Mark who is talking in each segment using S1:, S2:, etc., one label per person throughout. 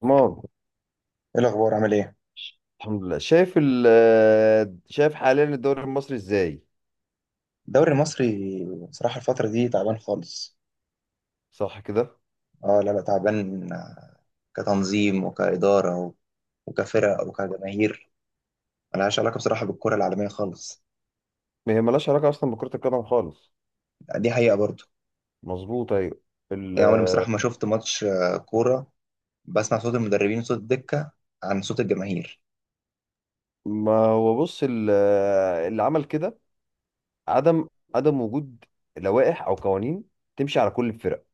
S1: تمام.
S2: ايه الاخبار؟ عامل ايه؟
S1: الحمد لله. شايف حاليا الدوري المصري ازاي؟
S2: الدوري المصري. بصراحه الفتره دي تعبان خالص.
S1: صح كده؟
S2: اه، لا، لا، تعبان، كتنظيم وكاداره وكفرق وكجماهير، ملهاش علاقه بصراحه بالكره العالميه خالص.
S1: ما هي ملهاش علاقه اصلا بكره القدم خالص.
S2: دي حقيقه برضو.
S1: مظبوط، ايوه. ال
S2: يعني عمري بصراحه ما شفت ماتش، كوره. بسمع صوت المدربين وصوت الدكه عن صوت الجماهير.
S1: ما هو بص، اللي عمل كده عدم عدم وجود لوائح او قوانين تمشي على كل الفرق.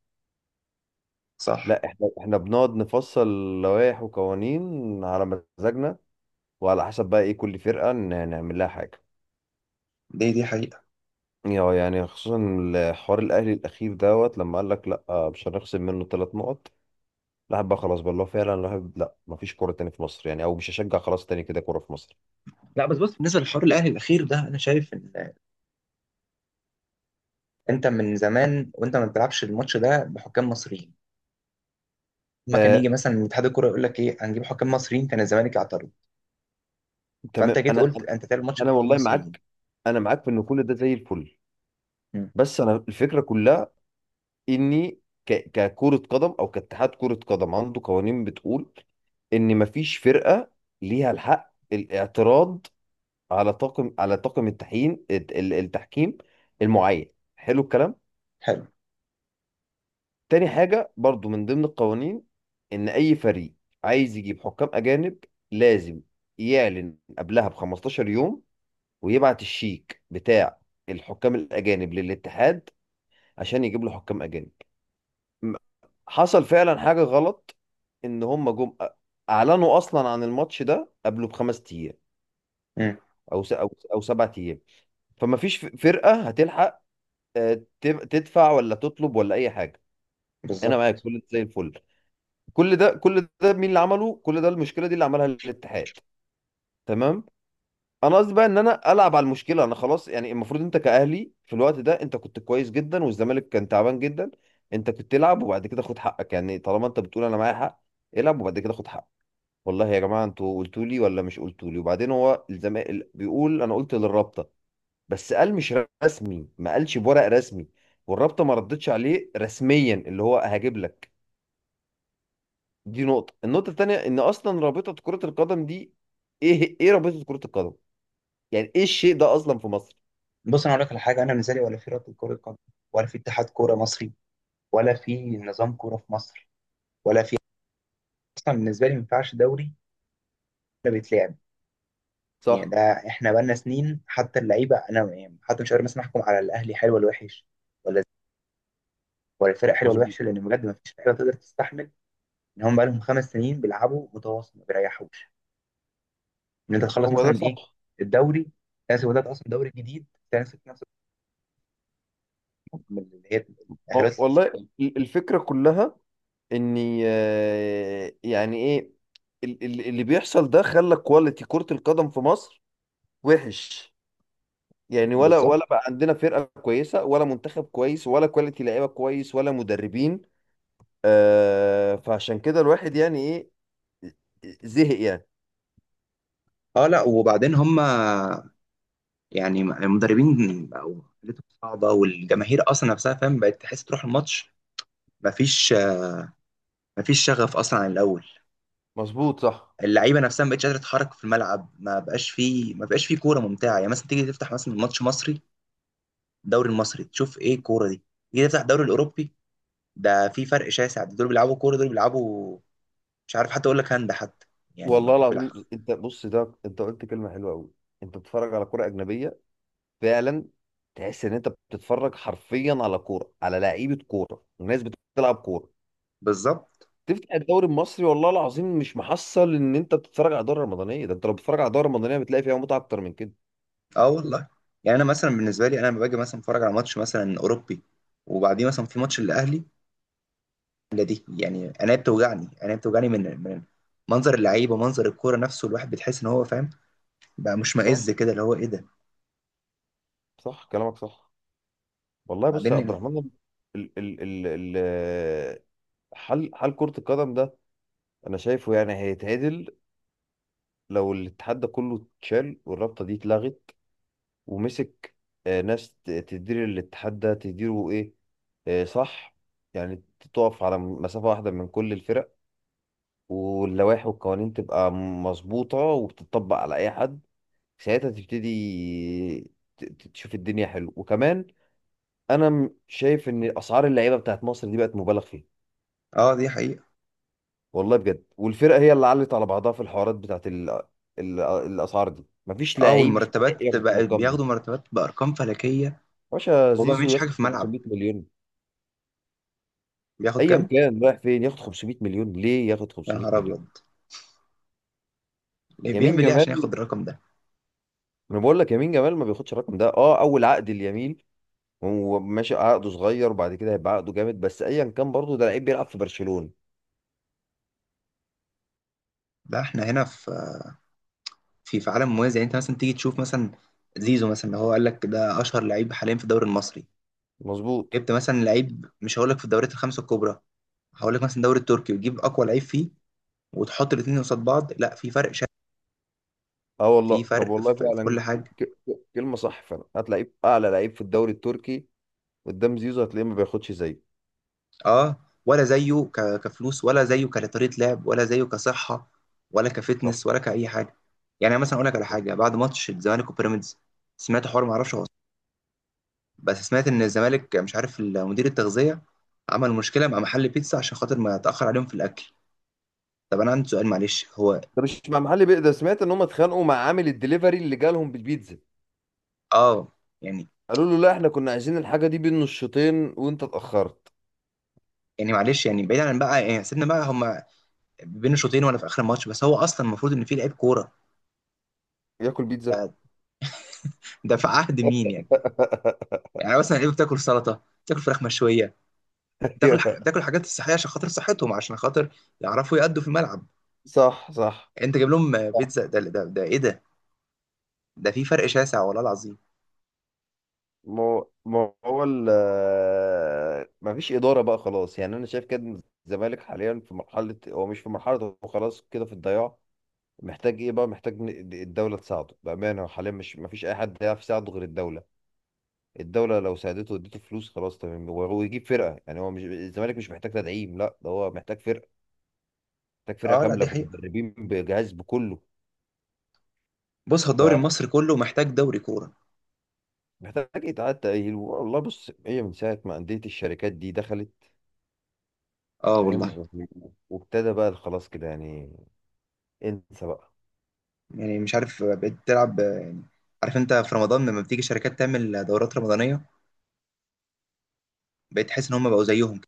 S2: صح.
S1: لا، احنا بنقعد نفصل لوائح وقوانين على مزاجنا، وعلى حسب بقى ايه كل فرقه نعمل لها حاجه.
S2: دي حقيقه.
S1: يعني خصوصا الحوار الاهلي الاخير دوت، لما قال لك لا مش هنخصم منه 3 نقط. الواحد بقى خلاص بقى اللي هو فعلا الواحد، لا مفيش كوره تاني في مصر يعني، او مش هشجع خلاص تاني كده كوره في مصر.
S2: لا بس بص، بالنسبه للحوار الاهلي الاخير ده، انا شايف ان انت من زمان وانت ما بتلعبش الماتش ده بحكام مصريين. ما كان
S1: آه،
S2: يجي مثلا من اتحاد الكوره يقول لك ايه، هنجيب حكام مصريين، كان الزمالك يعترض. فانت
S1: تمام.
S2: جيت
S1: انا
S2: قلت انت تعمل ماتش
S1: انا
S2: بحكام
S1: والله
S2: مصريين.
S1: معاك. انا معاك في ان كل ده زي الفل.
S2: مم.
S1: بس انا الفكره كلها اني، ككره قدم او كاتحاد كره قدم عنده قوانين بتقول ان مفيش فرقه ليها الحق الاعتراض على طاقم التحكيم المعين. حلو الكلام.
S2: حلو.
S1: تاني حاجة برضو من ضمن القوانين، إن أي فريق عايز يجيب حكام أجانب لازم يعلن قبلها ب 15 يوم، ويبعت الشيك بتاع الحكام الأجانب للاتحاد عشان يجيب له حكام أجانب. م- حصل فعلا حاجة غلط، إن هم جم أعلنوا أصلا عن الماتش ده قبله ب 5 أيام
S2: مم.
S1: أو س... أو أو 7 أيام، فما فيش فرقة هتلحق تدفع ولا تطلب ولا أي حاجة. أنا معاك،
S2: بالظبط.
S1: كل زي الفل. كل ده مين اللي عمله، كل ده المشكله دي اللي عملها الاتحاد. تمام. انا قصدي بقى ان انا العب على المشكله، انا خلاص. يعني المفروض انت كاهلي في الوقت ده، انت كنت كويس جدا والزمالك كان تعبان جدا. انت كنت تلعب وبعد كده خد حقك. يعني طالما انت بتقول انا معايا حق، العب وبعد كده خد حقك. والله يا جماعه انتوا قلتوا لي ولا مش قلتوا لي؟ وبعدين هو الزمالك بيقول انا قلت للرابطه، بس قال مش رسمي، ما قالش بورق رسمي، والرابطه ما ردتش عليه رسميا، اللي هو هجيب لك. دي نقطة. النقطة التانية ان اصلا رابطة كرة القدم دي، ايه رابطة كرة القدم؟ يعني ايه الشيء ده اصلا في مصر؟
S2: بص، انا اقول لك على حاجه، انا بالنسبه لي ولا في رابطه كره قدم، ولا في اتحاد كوره مصري، ولا في نظام كوره في مصر، ولا في. اصلا بالنسبه لي ما ينفعش دوري ولا بيتلعب. يعني
S1: صح.
S2: ده، احنا بقالنا سنين، حتى اللعيبه، انا يعني حتى مش قادر مثلا احكم على الاهلي حلو ولا وحش، ولا ولا الفرق حلوه ولا
S1: مظبوط.
S2: وحشه، لان بجد ما فيش لعيبه تقدر تستحمل ان هم بقالهم 5 سنين بيلعبوا متواصل ما بيريحوش. ان انت تخلص
S1: هو ده
S2: مثلا ايه،
S1: صح.
S2: الدوري، تنسى. وده اصلا دوري جديد. تنسى من اللي هي التأهلات الأفريقية.
S1: والله الفكرة كلها اني، يعني ايه اللي بيحصل ده خلى كواليتي كرة القدم في مصر وحش. يعني ولا
S2: بالظبط.
S1: ولا بقى عندنا فرقة كويسة، ولا منتخب كويس، ولا كواليتي لعيبة كويس، ولا مدربين. فعشان كده الواحد يعني ايه، زهق يعني.
S2: اه، لا، وبعدين هم، يعني المدربين بقوا حالتهم صعبة، والجماهير أصلا نفسها، فاهم، بقت تحس تروح الماتش. مفيش مفيش شغف أصلا عن الأول.
S1: مظبوط، صح.
S2: اللعيبة نفسها ما بقتش قادرة تتحرك في الملعب. ما بقاش فيه كورة ممتعة. يعني مثلا تيجي تفتح مثلا ماتش مصري، الدوري المصري، تشوف إيه الكورة دي. تيجي تفتح الدوري الأوروبي، ده في فرق شاسع. دول بيلعبوا كورة، دول بيلعبوا، مش عارف حتى أقول لك هاند حتى، يعني
S1: والله
S2: ما بيلعب.
S1: العظيم انت بص، ده انت قلت كلمه حلوه قوي. انت بتتفرج على كوره اجنبيه فعلا، تحس ان انت بتتفرج حرفيا على كوره، على لعيبه كوره وناس بتلعب كوره.
S2: بالظبط.
S1: تفتح الدوري المصري، والله العظيم مش محصل ان انت بتتفرج على دوري رمضانيه. ده انت لو بتتفرج على دوري رمضانيه بتلاقي فيها متعه اكتر من كده.
S2: اه والله. يعني انا مثلا بالنسبه لي، انا لما باجي مثلا اتفرج على ماتش مثلا اوروبي، وبعديه مثلا في ماتش الاهلي، لا دي يعني، انا بتوجعني من منظر اللعيبه، منظر الكوره نفسه. الواحد بتحس ان هو، فاهم، بقى مشمئز
S1: صح،
S2: كده، اللي هو ايه ده.
S1: صح، كلامك صح. والله بص يا
S2: بعدين
S1: عبد
S2: يعني،
S1: الرحمن، ال ال ال ال حل كره القدم ده انا شايفه يعني هيتعدل، لو الاتحاد ده كله اتشال والرابطه دي اتلغت، ومسك ناس تدير الاتحاد ده، تديره ايه؟ صح. يعني تقف على مسافة واحدة من كل الفرق، واللوائح والقوانين تبقى مظبوطة وبتطبق على أي حد. ساعتها تبتدي تشوف الدنيا حلو. وكمان أنا شايف إن أسعار اللعيبة بتاعت مصر دي بقت مبالغ فيها.
S2: اه، دي حقيقه.
S1: والله بجد، والفرقة هي اللي علت على بعضها في الحوارات بتاعت الأسعار دي. مفيش
S2: اه،
S1: لعيب
S2: والمرتبات
S1: ياخد
S2: بقى،
S1: الأرقام دي.
S2: بياخدوا مرتبات بارقام فلكيه،
S1: باشا
S2: وهو ما
S1: زيزو
S2: بيعملش حاجه
S1: ياخد
S2: في الملعب.
S1: 500 مليون،
S2: بياخد
S1: ايا
S2: كام؟
S1: كان رايح فين ياخد 500 مليون؟ ليه ياخد
S2: يا
S1: 500
S2: نهار
S1: مليون؟
S2: ابيض! ليه؟
S1: يمين
S2: بيعمل ايه عشان
S1: جمال،
S2: ياخد الرقم ده؟
S1: انا بقول لك يمين جمال ما بياخدش الرقم ده. اه، اول عقد اليمين، هو ماشي عقده صغير، وبعد كده هيبقى عقده جامد. بس ايا كان برضه ده لعيب بيلعب في برشلونة.
S2: لا، احنا هنا في، في عالم موازي. يعني انت مثلا تيجي تشوف مثلا زيزو مثلا، اللي هو قال لك ده اشهر لعيب حاليا في الدوري المصري،
S1: مظبوط.
S2: جبت مثلا لعيب، مش هقول لك في الدوريات الخمسه الكبرى، هقول لك مثلا الدوري التركي، وتجيب اقوى لعيب فيه وتحط الاثنين قصاد بعض، لا في فرق شاسع.
S1: اه
S2: في
S1: والله. طب
S2: فرق
S1: والله
S2: في كل
S1: فعلا،
S2: حاجه.
S1: كلمة صح فعلا، هتلاقيه اعلى لعيب في الدوري التركي قدام زيزو، هتلاقيه ما بياخدش زيه.
S2: اه، ولا زيه كفلوس، ولا زيه كطريقه لعب، ولا زيه كصحه، ولا
S1: صح.
S2: كفتنس، ولا كاي حاجه. يعني أنا مثلا اقول لك على حاجه، بعد ماتش الزمالك وبيراميدز سمعت حوار، ما اعرفش هو صح، بس سمعت ان الزمالك، مش عارف، مدير التغذيه عمل مشكله مع محل بيتزا عشان خاطر ما اتاخر عليهم في الاكل. طب انا عندي سؤال، معلش، هو
S1: ده مش مع محل بيه، ده سمعت ان هم اتخانقوا مع عامل الدليفري اللي جالهم بالبيتزا.
S2: اه يعني،
S1: قالوا له لا، احنا كنا عايزين الحاجة دي بين الشوطين وانت اتأخرت.
S2: يعني معلش يعني، بعيد عن بقى، يعني سيبنا بقى هما بين الشوطين ولا في اخر الماتش، بس هو اصلا المفروض ان في لعيب كوره،
S1: ياكل بيتزا!
S2: ده, ده في عهد مين يعني؟ يعني مثلا لعيبه بتاكل سلطه، بتاكل فراخ مشويه، بتاكل حاجة،
S1: أيوه.
S2: بتاكل حاجات صحيه عشان خاطر صحتهم، عشان خاطر يعرفوا يأدوا في الملعب.
S1: صح، صح،
S2: يعني انت جايب لهم
S1: صح.
S2: بيتزا؟ ده ايه ده؟ ده في فرق شاسع والله العظيم.
S1: ما هو ما فيش إدارة بقى خلاص. يعني أنا شايف كده إن الزمالك حاليا في مرحلة، هو مش في مرحلة، هو خلاص كده في الضياع. محتاج إيه بقى؟ محتاج إن الدولة تساعده. بأمانة هو حاليا مش، ما فيش أي حد يعرف يساعده غير الدولة. الدولة لو ساعدته واديته فلوس، خلاص تمام، وهو يجيب فرقة. يعني هو مش، الزمالك مش محتاج تدعيم، لا ده هو محتاج فرقة، محتاج فرقة
S2: اه لا
S1: كاملة
S2: دي حقيقه.
S1: بمدربين بجهاز بكله.
S2: بص، هو الدوري
S1: ف
S2: المصري كله محتاج دوري كوره.
S1: محتاج يتعاد تأهيل. والله بص، هي من ساعة ما أندية الشركات دي دخلت،
S2: اه
S1: فاهم؟
S2: والله.
S1: وابتدى بقى خلاص كده، يعني انسى بقى.
S2: يعني مش عارف بقيت تلعب يعني، عارف انت في رمضان لما بتيجي شركات تعمل دورات رمضانيه، بقيت تحس ان هم بقوا زيهم.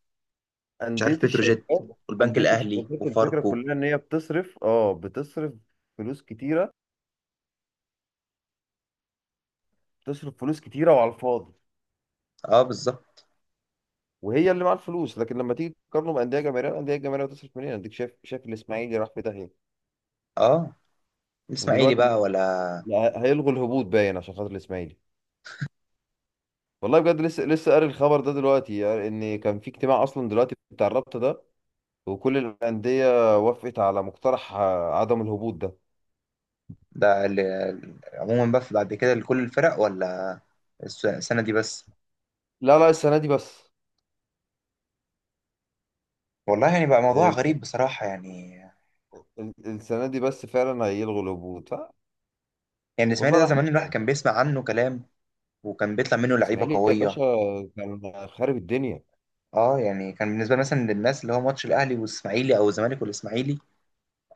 S2: مش
S1: أندية
S2: عارف، بتروجيت
S1: الشركات
S2: والبنك
S1: أندية
S2: الاهلي
S1: الشركات الفكرة
S2: وفاركو.
S1: كلها إن هي فلوس كتيرة بتصرف فلوس كتيرة، وعلى الفاضي.
S2: اه بالظبط.
S1: وهي اللي معاها الفلوس، لكن لما تيجي تقارنه بأندية جماهيرية، الأندية الجماهيرية بتصرف منين؟ أديك شايف الإسماعيلي راح في داهية.
S2: اه، الاسماعيلي
S1: ودلوقتي بيقول
S2: بقى
S1: لك
S2: ولا،
S1: لا، هيلغوا الهبوط باين عشان خاطر الإسماعيلي. والله بجد، لسه قاري الخبر ده دلوقتي، يعني ان كان في اجتماع اصلا دلوقتي بتاع الرابطه ده، وكل الأندية وافقت على مقترح عدم الهبوط ده.
S2: ده عموما بقى بعد كده لكل الفرق، ولا السنه دي بس؟
S1: لا، لا، السنة دي بس.
S2: والله يعني بقى موضوع غريب
S1: الس-
S2: بصراحه، يعني.
S1: السنة دي بس فعلا هيلغوا الهبوط،
S2: يعني الاسماعيلي
S1: والله
S2: ده،
S1: راح
S2: زمان
S1: مش
S2: الواحد
S1: عارف.
S2: كان بيسمع عنه كلام، وكان بيطلع منه لعيبه
S1: الإسماعيلي يا باشا
S2: قويه.
S1: كان خارب الدنيا.
S2: اه، يعني كان بالنسبه لي، مثلا للناس، اللي هو ماتش الاهلي والاسماعيلي، او الزمالك والاسماعيلي،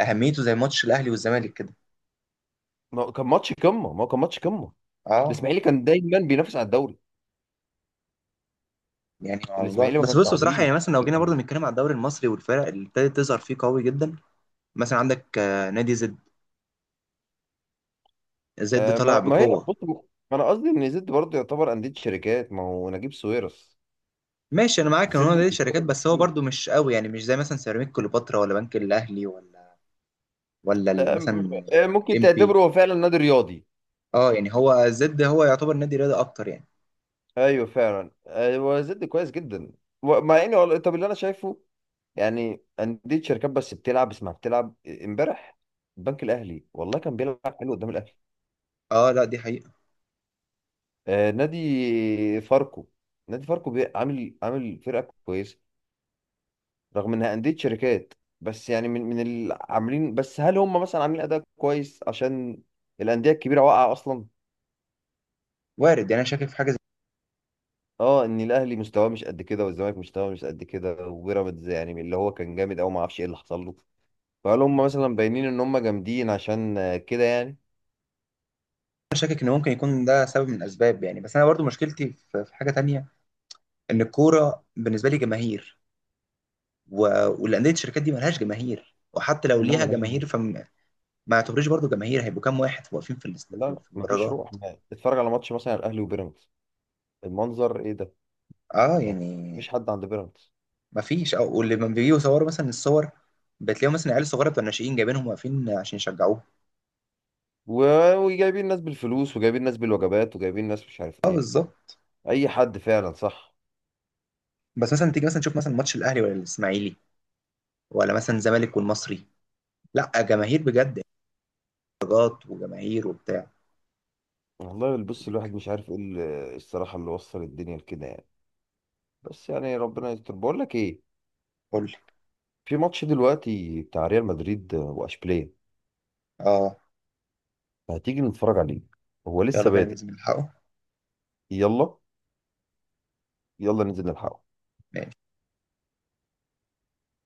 S2: اهميته زي ماتش الاهلي والزمالك كده.
S1: ما هو كان ماتش قمة ما هو كان ماتش قمة.
S2: اه،
S1: الإسماعيلي كان دايما بينافس على الدوري.
S2: يعني موضوع،
S1: الإسماعيلي ما
S2: بس
S1: كانش
S2: بص بصراحه،
S1: عبيط.
S2: يعني مثلا لو جينا برضو
S1: يعني
S2: نتكلم على الدوري المصري والفرق اللي ابتدت تظهر فيه قوي جدا، مثلا عندك نادي زد. زد
S1: آه،
S2: طالع
S1: ما ما هي
S2: بقوه.
S1: بص ما أنا قصدي إن زد برضه يعتبر أندية شركات، ما هو نجيب ساويرس.
S2: ماشي، انا معاك ان هو
S1: زد
S2: نادي شركات، بس هو برضو مش قوي، يعني مش زي مثلا سيراميك كليوباترا ولا بنك الاهلي، ولا مثلا
S1: ممكن
S2: ام بي.
S1: تعتبره هو فعلا نادي رياضي.
S2: اه، يعني هو زد هو يعتبر نادي رياضي اكتر يعني.
S1: ايوه فعلا. هو زد كويس جدا. مع انه طب اللي انا شايفه، يعني انديه شركات بس بتلعب، اسمها بتلعب. امبارح البنك الاهلي والله كان بيلعب حلو قدام الاهلي.
S2: اه لا دي حقيقه.
S1: نادي فاركو. نادي فاركو عامل فرقه كويسه رغم انها انديه شركات. بس يعني من اللي عاملين. بس هل هم مثلا عاملين اداء كويس عشان الانديه الكبيره واقعه اصلا؟
S2: وارد. يعني انا شاكك في حاجه زي،
S1: اه، ان الاهلي مستواه مش قد كده، والزمالك مستواه مش قد كده، وبيراميدز يعني اللي هو كان جامد قوي ما اعرفش ايه اللي حصل له. فهل هم مثلا باينين ان هم جامدين عشان كده يعني؟
S2: انا شاكك ان ممكن يكون ده سبب من الاسباب يعني، بس انا برضو مشكلتي في حاجه تانية، ان الكوره بالنسبه لي جماهير، و... والانديه الشركات دي ملهاش جماهير، وحتى لو
S1: لا،
S2: ليها
S1: ملهاش
S2: جماهير،
S1: دعوة.
S2: فما ما يعتبروش برضو جماهير، هيبقوا كام واحد واقفين في
S1: لا، لا،
S2: في
S1: مفيش
S2: المدرجات.
S1: روح. ما اتفرج على ماتش مثلا الاهلي وبيراميدز، المنظر ايه ده!
S2: اه
S1: ما
S2: يعني
S1: مفيش حد عند بيراميدز.
S2: ما فيش، او واللي لما بيجوا يصوروا مثلا الصور، بتلاقيهم مثلا عيال صغيره بتوع الناشئين جايبينهم واقفين عشان يشجعوه.
S1: وجايبين ناس بالفلوس، وجايبين ناس بالوجبات، وجايبين ناس مش عارف
S2: اه
S1: ايه،
S2: بالظبط.
S1: اي حد فعلا، صح.
S2: بس مثلا تيجي مثلا تشوف مثلا ماتش الاهلي ولا الاسماعيلي، ولا مثلا الزمالك والمصري، لا جماهير بجد، درجات وجماهير وبتاع.
S1: والله بص، الواحد مش عارف ايه الصراحه اللي وصل الدنيا لكده يعني. بس يعني ربنا يستر. بقول لك ايه؟
S2: قول لي.
S1: في ماتش دلوقتي بتاع ريال مدريد واشبيليه،
S2: اه.
S1: هتيجي نتفرج عليه؟ هو
S2: يلا
S1: لسه
S2: بينا
S1: بادئ.
S2: ننزل نلحقه.
S1: يلا، يلا ننزل نلحقه.
S2: ماشي.